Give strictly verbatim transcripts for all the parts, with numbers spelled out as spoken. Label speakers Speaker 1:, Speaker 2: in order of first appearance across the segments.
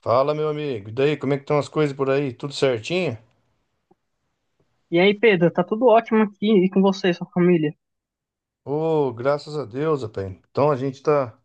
Speaker 1: Fala, meu amigo. E daí, como é que estão as coisas por aí? Tudo certinho?
Speaker 2: E aí, Pedro, tá tudo ótimo aqui e com você, sua família?
Speaker 1: Ô, graças a Deus, rapaz. Então a gente tá,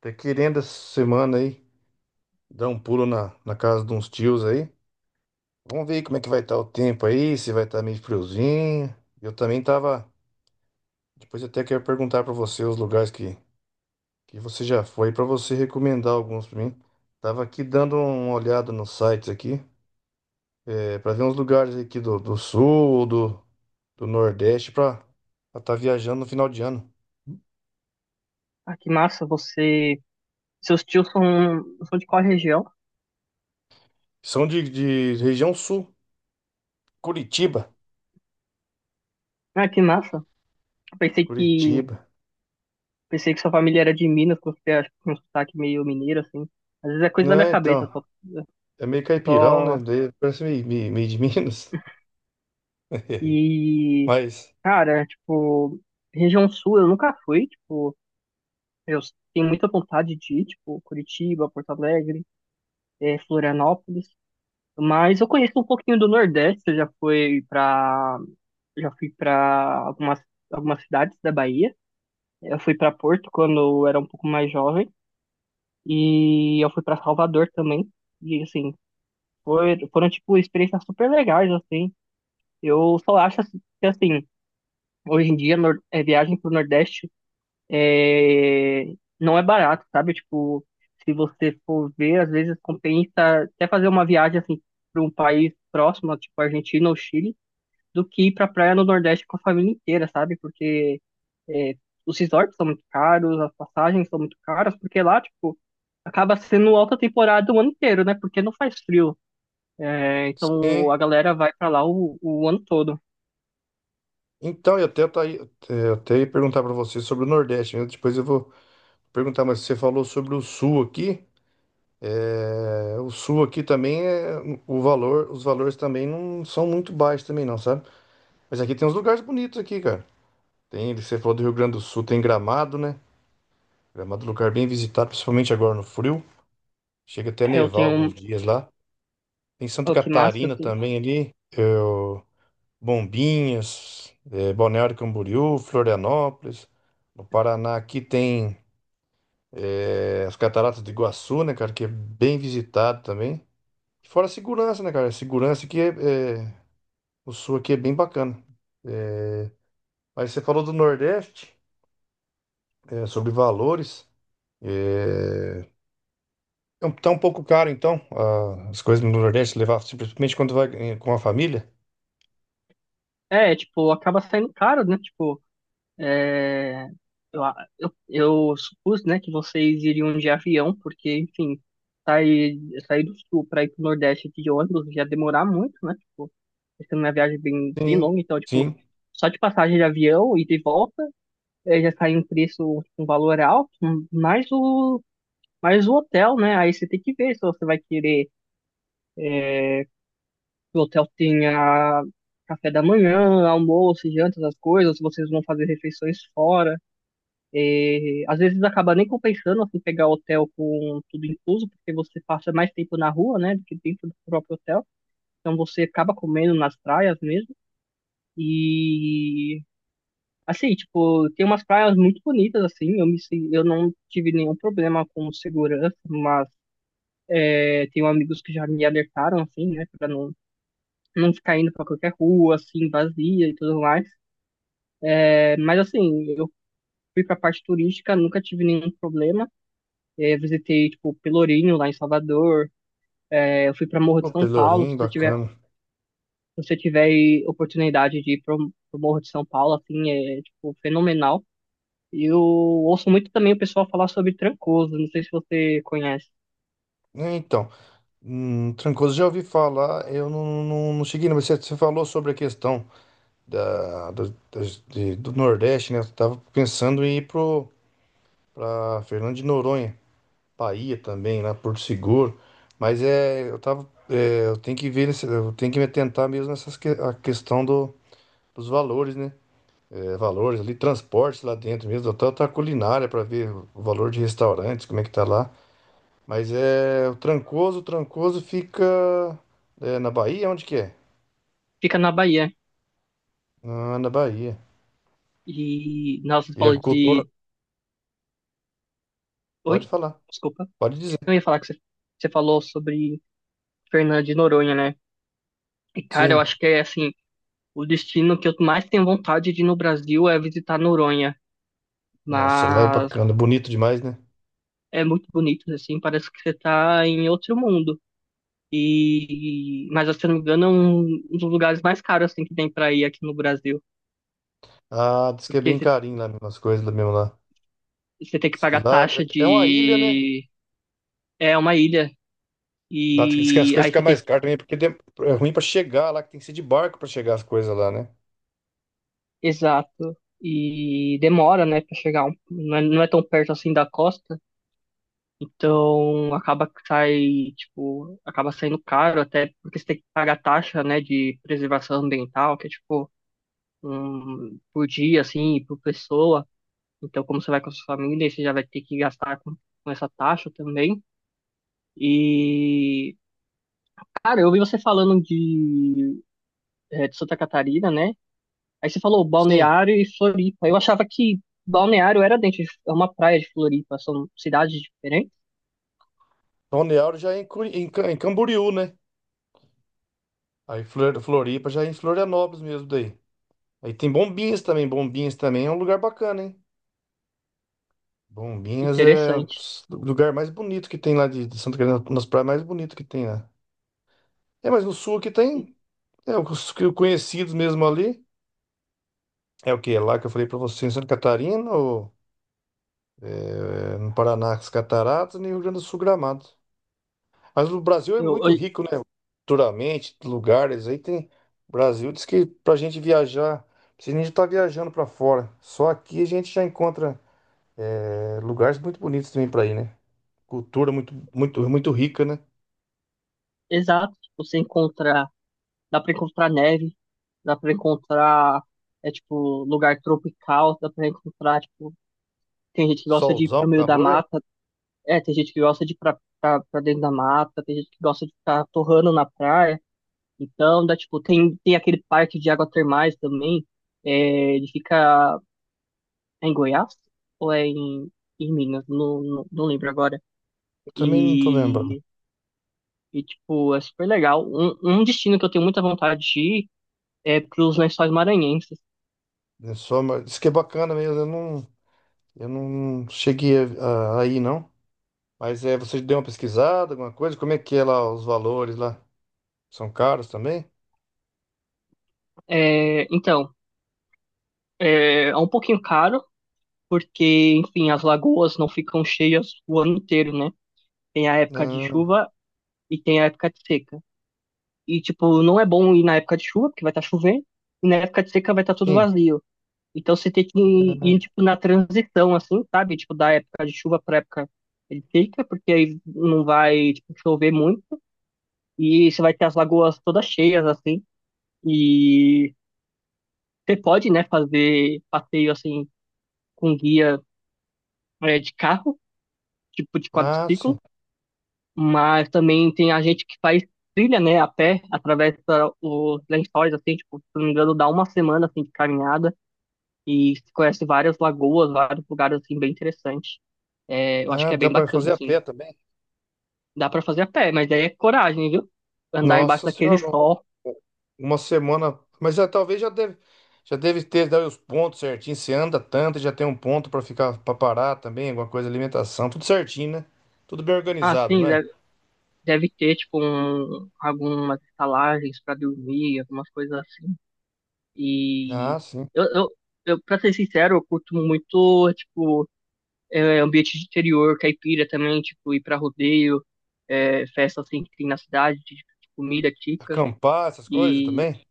Speaker 1: tá querendo essa semana aí dar um pulo na, na casa de uns tios aí. Vamos ver como é que vai estar o tempo aí, se vai estar meio friozinho. Eu também tava. Depois eu até quero perguntar pra você os lugares que, que você já foi, pra você recomendar alguns pra mim. Tava aqui dando uma olhada nos sites aqui, é, para ver uns lugares aqui do, do sul, do, do nordeste, pra estar viajando no final de ano.
Speaker 2: Ah, que massa, você. Seus tios são, são de qual região?
Speaker 1: São de, de região sul, Curitiba.
Speaker 2: Ah, que massa. Pensei que
Speaker 1: Curitiba.
Speaker 2: pensei que sua família era de Minas, porque você acha que tem um sotaque meio mineiro, assim. Às vezes é coisa da
Speaker 1: Não,
Speaker 2: minha cabeça,
Speaker 1: então,
Speaker 2: só.
Speaker 1: é meio caipirão, né?
Speaker 2: só...
Speaker 1: Daí parece meio, meio, meio de Minas.
Speaker 2: E,
Speaker 1: Mas,
Speaker 2: cara, tipo, região sul eu nunca fui, tipo, eu tenho muita vontade de ir, tipo, Curitiba, Porto Alegre, eh, Florianópolis. Mas eu conheço um pouquinho do Nordeste, eu já fui pra já fui para algumas, algumas cidades da Bahia. Eu fui para Porto quando eu era um pouco mais jovem. E eu fui para Salvador também. E, assim, foi, foram, tipo, experiências super legais, assim. Eu só acho assim, que, assim, hoje em dia, nor- é, viagem pro Nordeste é, não é barato, sabe? Tipo, se você for ver, às vezes compensa até fazer uma viagem, assim, para um país próximo, tipo Argentina ou Chile, do que ir pra praia no Nordeste com a família inteira, sabe? Porque é, os resorts são muito caros, as passagens são muito caras, porque lá, tipo, acaba sendo alta temporada o ano inteiro, né? Porque não faz frio. É, então
Speaker 1: sim.
Speaker 2: a galera vai pra lá o, o ano todo.
Speaker 1: Então, eu até, tá aí- é, eu até ia perguntar para você sobre o Nordeste, né? Depois eu vou perguntar, mas você falou sobre o Sul aqui. É, o Sul aqui também é o valor, os valores também não são muito baixos também não, sabe? Mas aqui tem uns lugares bonitos aqui, cara. Tem, você falou do Rio Grande do Sul, tem Gramado, né? Gramado é um lugar bem visitado, principalmente agora no frio. Chega até a
Speaker 2: Eu
Speaker 1: nevar
Speaker 2: tenho
Speaker 1: alguns
Speaker 2: um.
Speaker 1: dias lá. Em Santa
Speaker 2: Oh, que massa. Eu
Speaker 1: Catarina
Speaker 2: tenho-
Speaker 1: também ali, eu, Bombinhas, eh, Balneário Camboriú, Florianópolis. No Paraná aqui tem eh, as Cataratas do Iguaçu, né, cara, que é bem visitado também. E fora a segurança, né, cara? A segurança aqui é, é- O sul aqui é bem bacana. Aí você falou do Nordeste, eh, sobre valores. Eh, é um- tá um pouco caro, então, a- as coisas no Nordeste levar simplesmente quando vai eh, com a família?
Speaker 2: É, tipo, acaba saindo caro, né? Tipo, eu, eu, eu supus, né, que vocês iriam de avião, porque, enfim, sair, sair do sul pra ir pro Nordeste aqui de ônibus ia demorar muito, né? Tipo, sendo uma viagem bem, bem
Speaker 1: Sim,
Speaker 2: longa, então, tipo,
Speaker 1: sim.
Speaker 2: só de passagem de avião e de volta eh, já cai um preço, tipo, um valor alto, mais o, mais o hotel, né? Aí você tem que ver se você vai querer eh, que o hotel tenha café da manhã, almoço, janta, essas coisas, se vocês vão fazer refeições fora. Eh, às vezes acaba nem compensando assim, pegar hotel com tudo incluso, porque você passa mais tempo na rua, né, do que dentro do próprio hotel. Então você acaba comendo nas praias mesmo. E assim, tipo, tem umas praias muito bonitas, assim, eu me, sen- eu não tive nenhum problema com segurança, mas é, tenho amigos que já me alertaram, assim, né, pra não, não ficar indo pra qualquer rua, assim, vazia e tudo mais. É, mas, assim, eu fui pra parte turística, nunca tive nenhum problema. É, visitei, tipo, Pelourinho, lá em Salvador. É, eu fui pra Morro de
Speaker 1: O
Speaker 2: São Paulo, se
Speaker 1: Pelourinho,
Speaker 2: você tiver,
Speaker 1: bacana.
Speaker 2: se você tiver aí oportunidade de ir pro, pro Morro de São Paulo, assim, é, tipo, fenomenal. E eu ouço muito também o pessoal falar sobre Trancoso, não sei se você conhece.
Speaker 1: É, então, hum, Trancoso já ouvi falar, eu não, não, não cheguei, mas você, você falou sobre a questão da, do, das- de- do Nordeste, né? Eu tava pensando em ir pro, pra Fernando de Noronha, Bahia também, lá Porto Seguro, mas é, eu tava, é, eu tenho que ver, nesse- eu tenho que me atentar mesmo nessas que, a questão do, dos valores, né? É, valores ali, transportes lá dentro mesmo, até outra culinária para ver o valor de restaurantes, como é que tá lá. Mas é o Trancoso, o Trancoso fica é, na Bahia? Onde que é?
Speaker 2: Fica na Bahia.
Speaker 1: Ah, na Bahia.
Speaker 2: E, nossa, você
Speaker 1: E a
Speaker 2: falou
Speaker 1: cultura?
Speaker 2: de... Oi?
Speaker 1: Pode falar,
Speaker 2: Desculpa.
Speaker 1: pode dizer.
Speaker 2: Eu ia falar que você, você falou sobre Fernando de Noronha, né? E, cara, eu
Speaker 1: Sim.
Speaker 2: acho que é, assim, o destino que eu mais tenho vontade de ir no Brasil é visitar Noronha.
Speaker 1: Nossa, lá é
Speaker 2: Mas
Speaker 1: bacana, bonito demais, né?
Speaker 2: é muito bonito, assim, parece que você tá em outro mundo. E, mas, se eu não me engano, é um, um dos lugares mais caros, assim, que tem pra ir aqui no Brasil.
Speaker 1: Ah, diz que é
Speaker 2: Porque
Speaker 1: bem
Speaker 2: você
Speaker 1: carinho lá mesmo, as coisas lá mesmo lá.
Speaker 2: você tem que
Speaker 1: Diz que
Speaker 2: pagar
Speaker 1: lá
Speaker 2: taxa
Speaker 1: é é uma ilha, né?
Speaker 2: de. É uma ilha.
Speaker 1: Lá diz que as
Speaker 2: E
Speaker 1: coisas
Speaker 2: aí
Speaker 1: ficam
Speaker 2: você tem
Speaker 1: mais
Speaker 2: que.
Speaker 1: caras também, porque de- é ruim pra chegar lá, que tem que ser de barco pra chegar as coisas lá, né?
Speaker 2: Exato. E demora, né, pra chegar. Um- não é, não é tão perto assim da costa. Então acaba que sai, tipo, acaba saindo caro até porque você tem que pagar taxa, né, de preservação ambiental, que é tipo um, por dia, assim, por pessoa. Então, como você vai com a sua família, você já vai ter que gastar com, com essa taxa também. E, cara, eu ouvi você falando de é, de Santa Catarina, né? Aí você falou
Speaker 1: Sim.
Speaker 2: Balneário e Floripa. Eu achava que Balneário era dentro de é uma praia de Floripa, são cidades diferentes.
Speaker 1: Balneário já é em, Curi- em Ca- em Camboriú, né? Aí Flor- Floripa já é em Florianópolis mesmo daí. Aí tem Bombinhas também. Bombinhas também é um lugar bacana, hein? Bombinhas é
Speaker 2: Interessante.
Speaker 1: o lugar mais bonito que tem lá de, de Santa Catarina, nas praias mais bonitas que tem lá. É, mas no sul aqui tem. É, os que eu conhecidos mesmo ali. É o que? É lá que eu falei pra você, em Santa Catarina, ou é, no Paraná, as Cataratas, e no Rio Grande do Sul, Gramado. Mas o Brasil é
Speaker 2: Eu,
Speaker 1: muito
Speaker 2: eu-
Speaker 1: rico, né? Culturalmente, lugares aí tem. O Brasil diz que pra gente viajar, precisa nem estar viajando pra fora. Só aqui a gente já encontra é, lugares muito bonitos também pra ir, né? Cultura muito, muito, muito rica, né?
Speaker 2: exato, tipo, você encontra, dá pra encontrar neve, dá pra encontrar é tipo lugar tropical, dá pra encontrar tipo tem gente que gosta de ir
Speaker 1: Solzão,
Speaker 2: pro meio da
Speaker 1: calor.
Speaker 2: mata, é, tem gente que gosta de ir pra, pra, pra dentro da mata, tem gente que gosta de ficar torrando na praia. Então, dá, tipo, tem, tem aquele parque de água termais também. É, ele fica é em Goiás ou é em, em Minas? Não, não, não lembro agora.
Speaker 1: Eu também não tô lembrando.
Speaker 2: E, e, tipo, é super legal. Um, um destino que eu tenho muita vontade de ir é pros Lençóis Maranhenses.
Speaker 1: É só, mas diz que é bacana mesmo. Eu não, eu não cheguei a, a, a ir, não. Mas é, você deu uma pesquisada, alguma coisa? Como é que é lá os valores lá? São caros também?
Speaker 2: É, então, é, é um pouquinho caro, porque, enfim, as lagoas não ficam cheias o ano inteiro, né? Tem a época de
Speaker 1: Ah,
Speaker 2: chuva e tem a época de seca. E, tipo, não é bom ir na época de chuva, porque vai estar chovendo, e na época de seca vai estar tudo
Speaker 1: sim.
Speaker 2: vazio. Então você tem que ir, ir, tipo, na transição, assim, sabe? Tipo, da época de chuva para época de seca, porque aí não vai, tipo, chover muito, e você vai ter as lagoas todas cheias, assim, e você pode, né, fazer passeio, assim, com guia, é, de carro, tipo, de
Speaker 1: Ah, sim.
Speaker 2: quadriciclo, mas também tem a gente que faz trilha, né, a pé, atravessa os lençóis, assim, tipo, se não me engano, dá uma semana, assim, de caminhada, e se conhece várias lagoas, vários lugares assim bem interessantes. É, eu acho
Speaker 1: Ah,
Speaker 2: que é
Speaker 1: dá
Speaker 2: bem
Speaker 1: para
Speaker 2: bacana,
Speaker 1: fazer a
Speaker 2: assim.
Speaker 1: pé também.
Speaker 2: Dá pra fazer a pé, mas aí é coragem, viu? Andar embaixo
Speaker 1: Nossa
Speaker 2: daquele
Speaker 1: senhora, um-
Speaker 2: sol.
Speaker 1: um, uma semana. Mas já, talvez já deve, já deve ter dado os pontos certinho. Você anda tanto, já tem um ponto para ficar para parar também, alguma coisa, alimentação, tudo certinho, né? Tudo bem
Speaker 2: Ah,
Speaker 1: organizado,
Speaker 2: sim,
Speaker 1: não é?
Speaker 2: deve, deve ter, tipo, um, algumas estalagens pra dormir, algumas coisas assim. E
Speaker 1: Ah, sim.
Speaker 2: eu, eu, eu, pra ser sincero, eu curto muito, tipo, é, ambiente de interior, caipira também, tipo, ir pra rodeio, é, festa assim que tem na cidade, de, de comida típica.
Speaker 1: Acampar, essas coisas
Speaker 2: E
Speaker 1: também.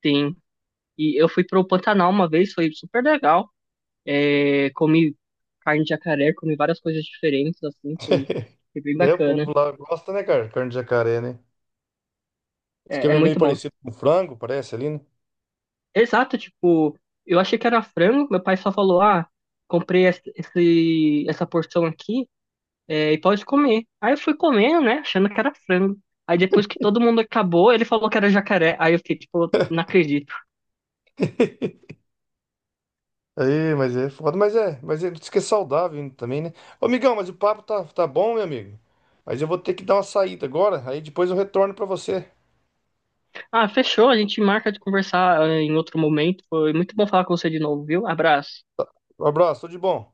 Speaker 2: tem E eu fui pro Pantanal uma vez, foi super legal. É, comi carne de jacaré, comi várias coisas diferentes, assim, foi, foi bem
Speaker 1: É, o povo
Speaker 2: bacana.
Speaker 1: lá gosta, né, cara? Carne de jacaré, né? Diz que
Speaker 2: É, é
Speaker 1: é meio
Speaker 2: muito bom.
Speaker 1: parecido com frango, parece ali, né?
Speaker 2: Exato, tipo, eu achei que era frango, meu pai só falou, ah, comprei esse, esse- essa porção aqui, é, e pode comer. Aí eu fui comendo, né, achando que era frango. Aí depois que todo mundo acabou, ele falou que era jacaré. Aí eu fiquei, tipo, não acredito.
Speaker 1: Aí, mas é foda, mas é, mas é, diz que é saudável também, né? Ô, amigão, mas o papo tá, tá bom, meu amigo. Mas eu vou ter que dar uma saída agora, aí depois eu retorno pra você.
Speaker 2: Ah, fechou, a gente marca de conversar, eh, em outro momento. Foi muito bom falar com você de novo, viu? Abraço.
Speaker 1: Um abraço, tudo de bom.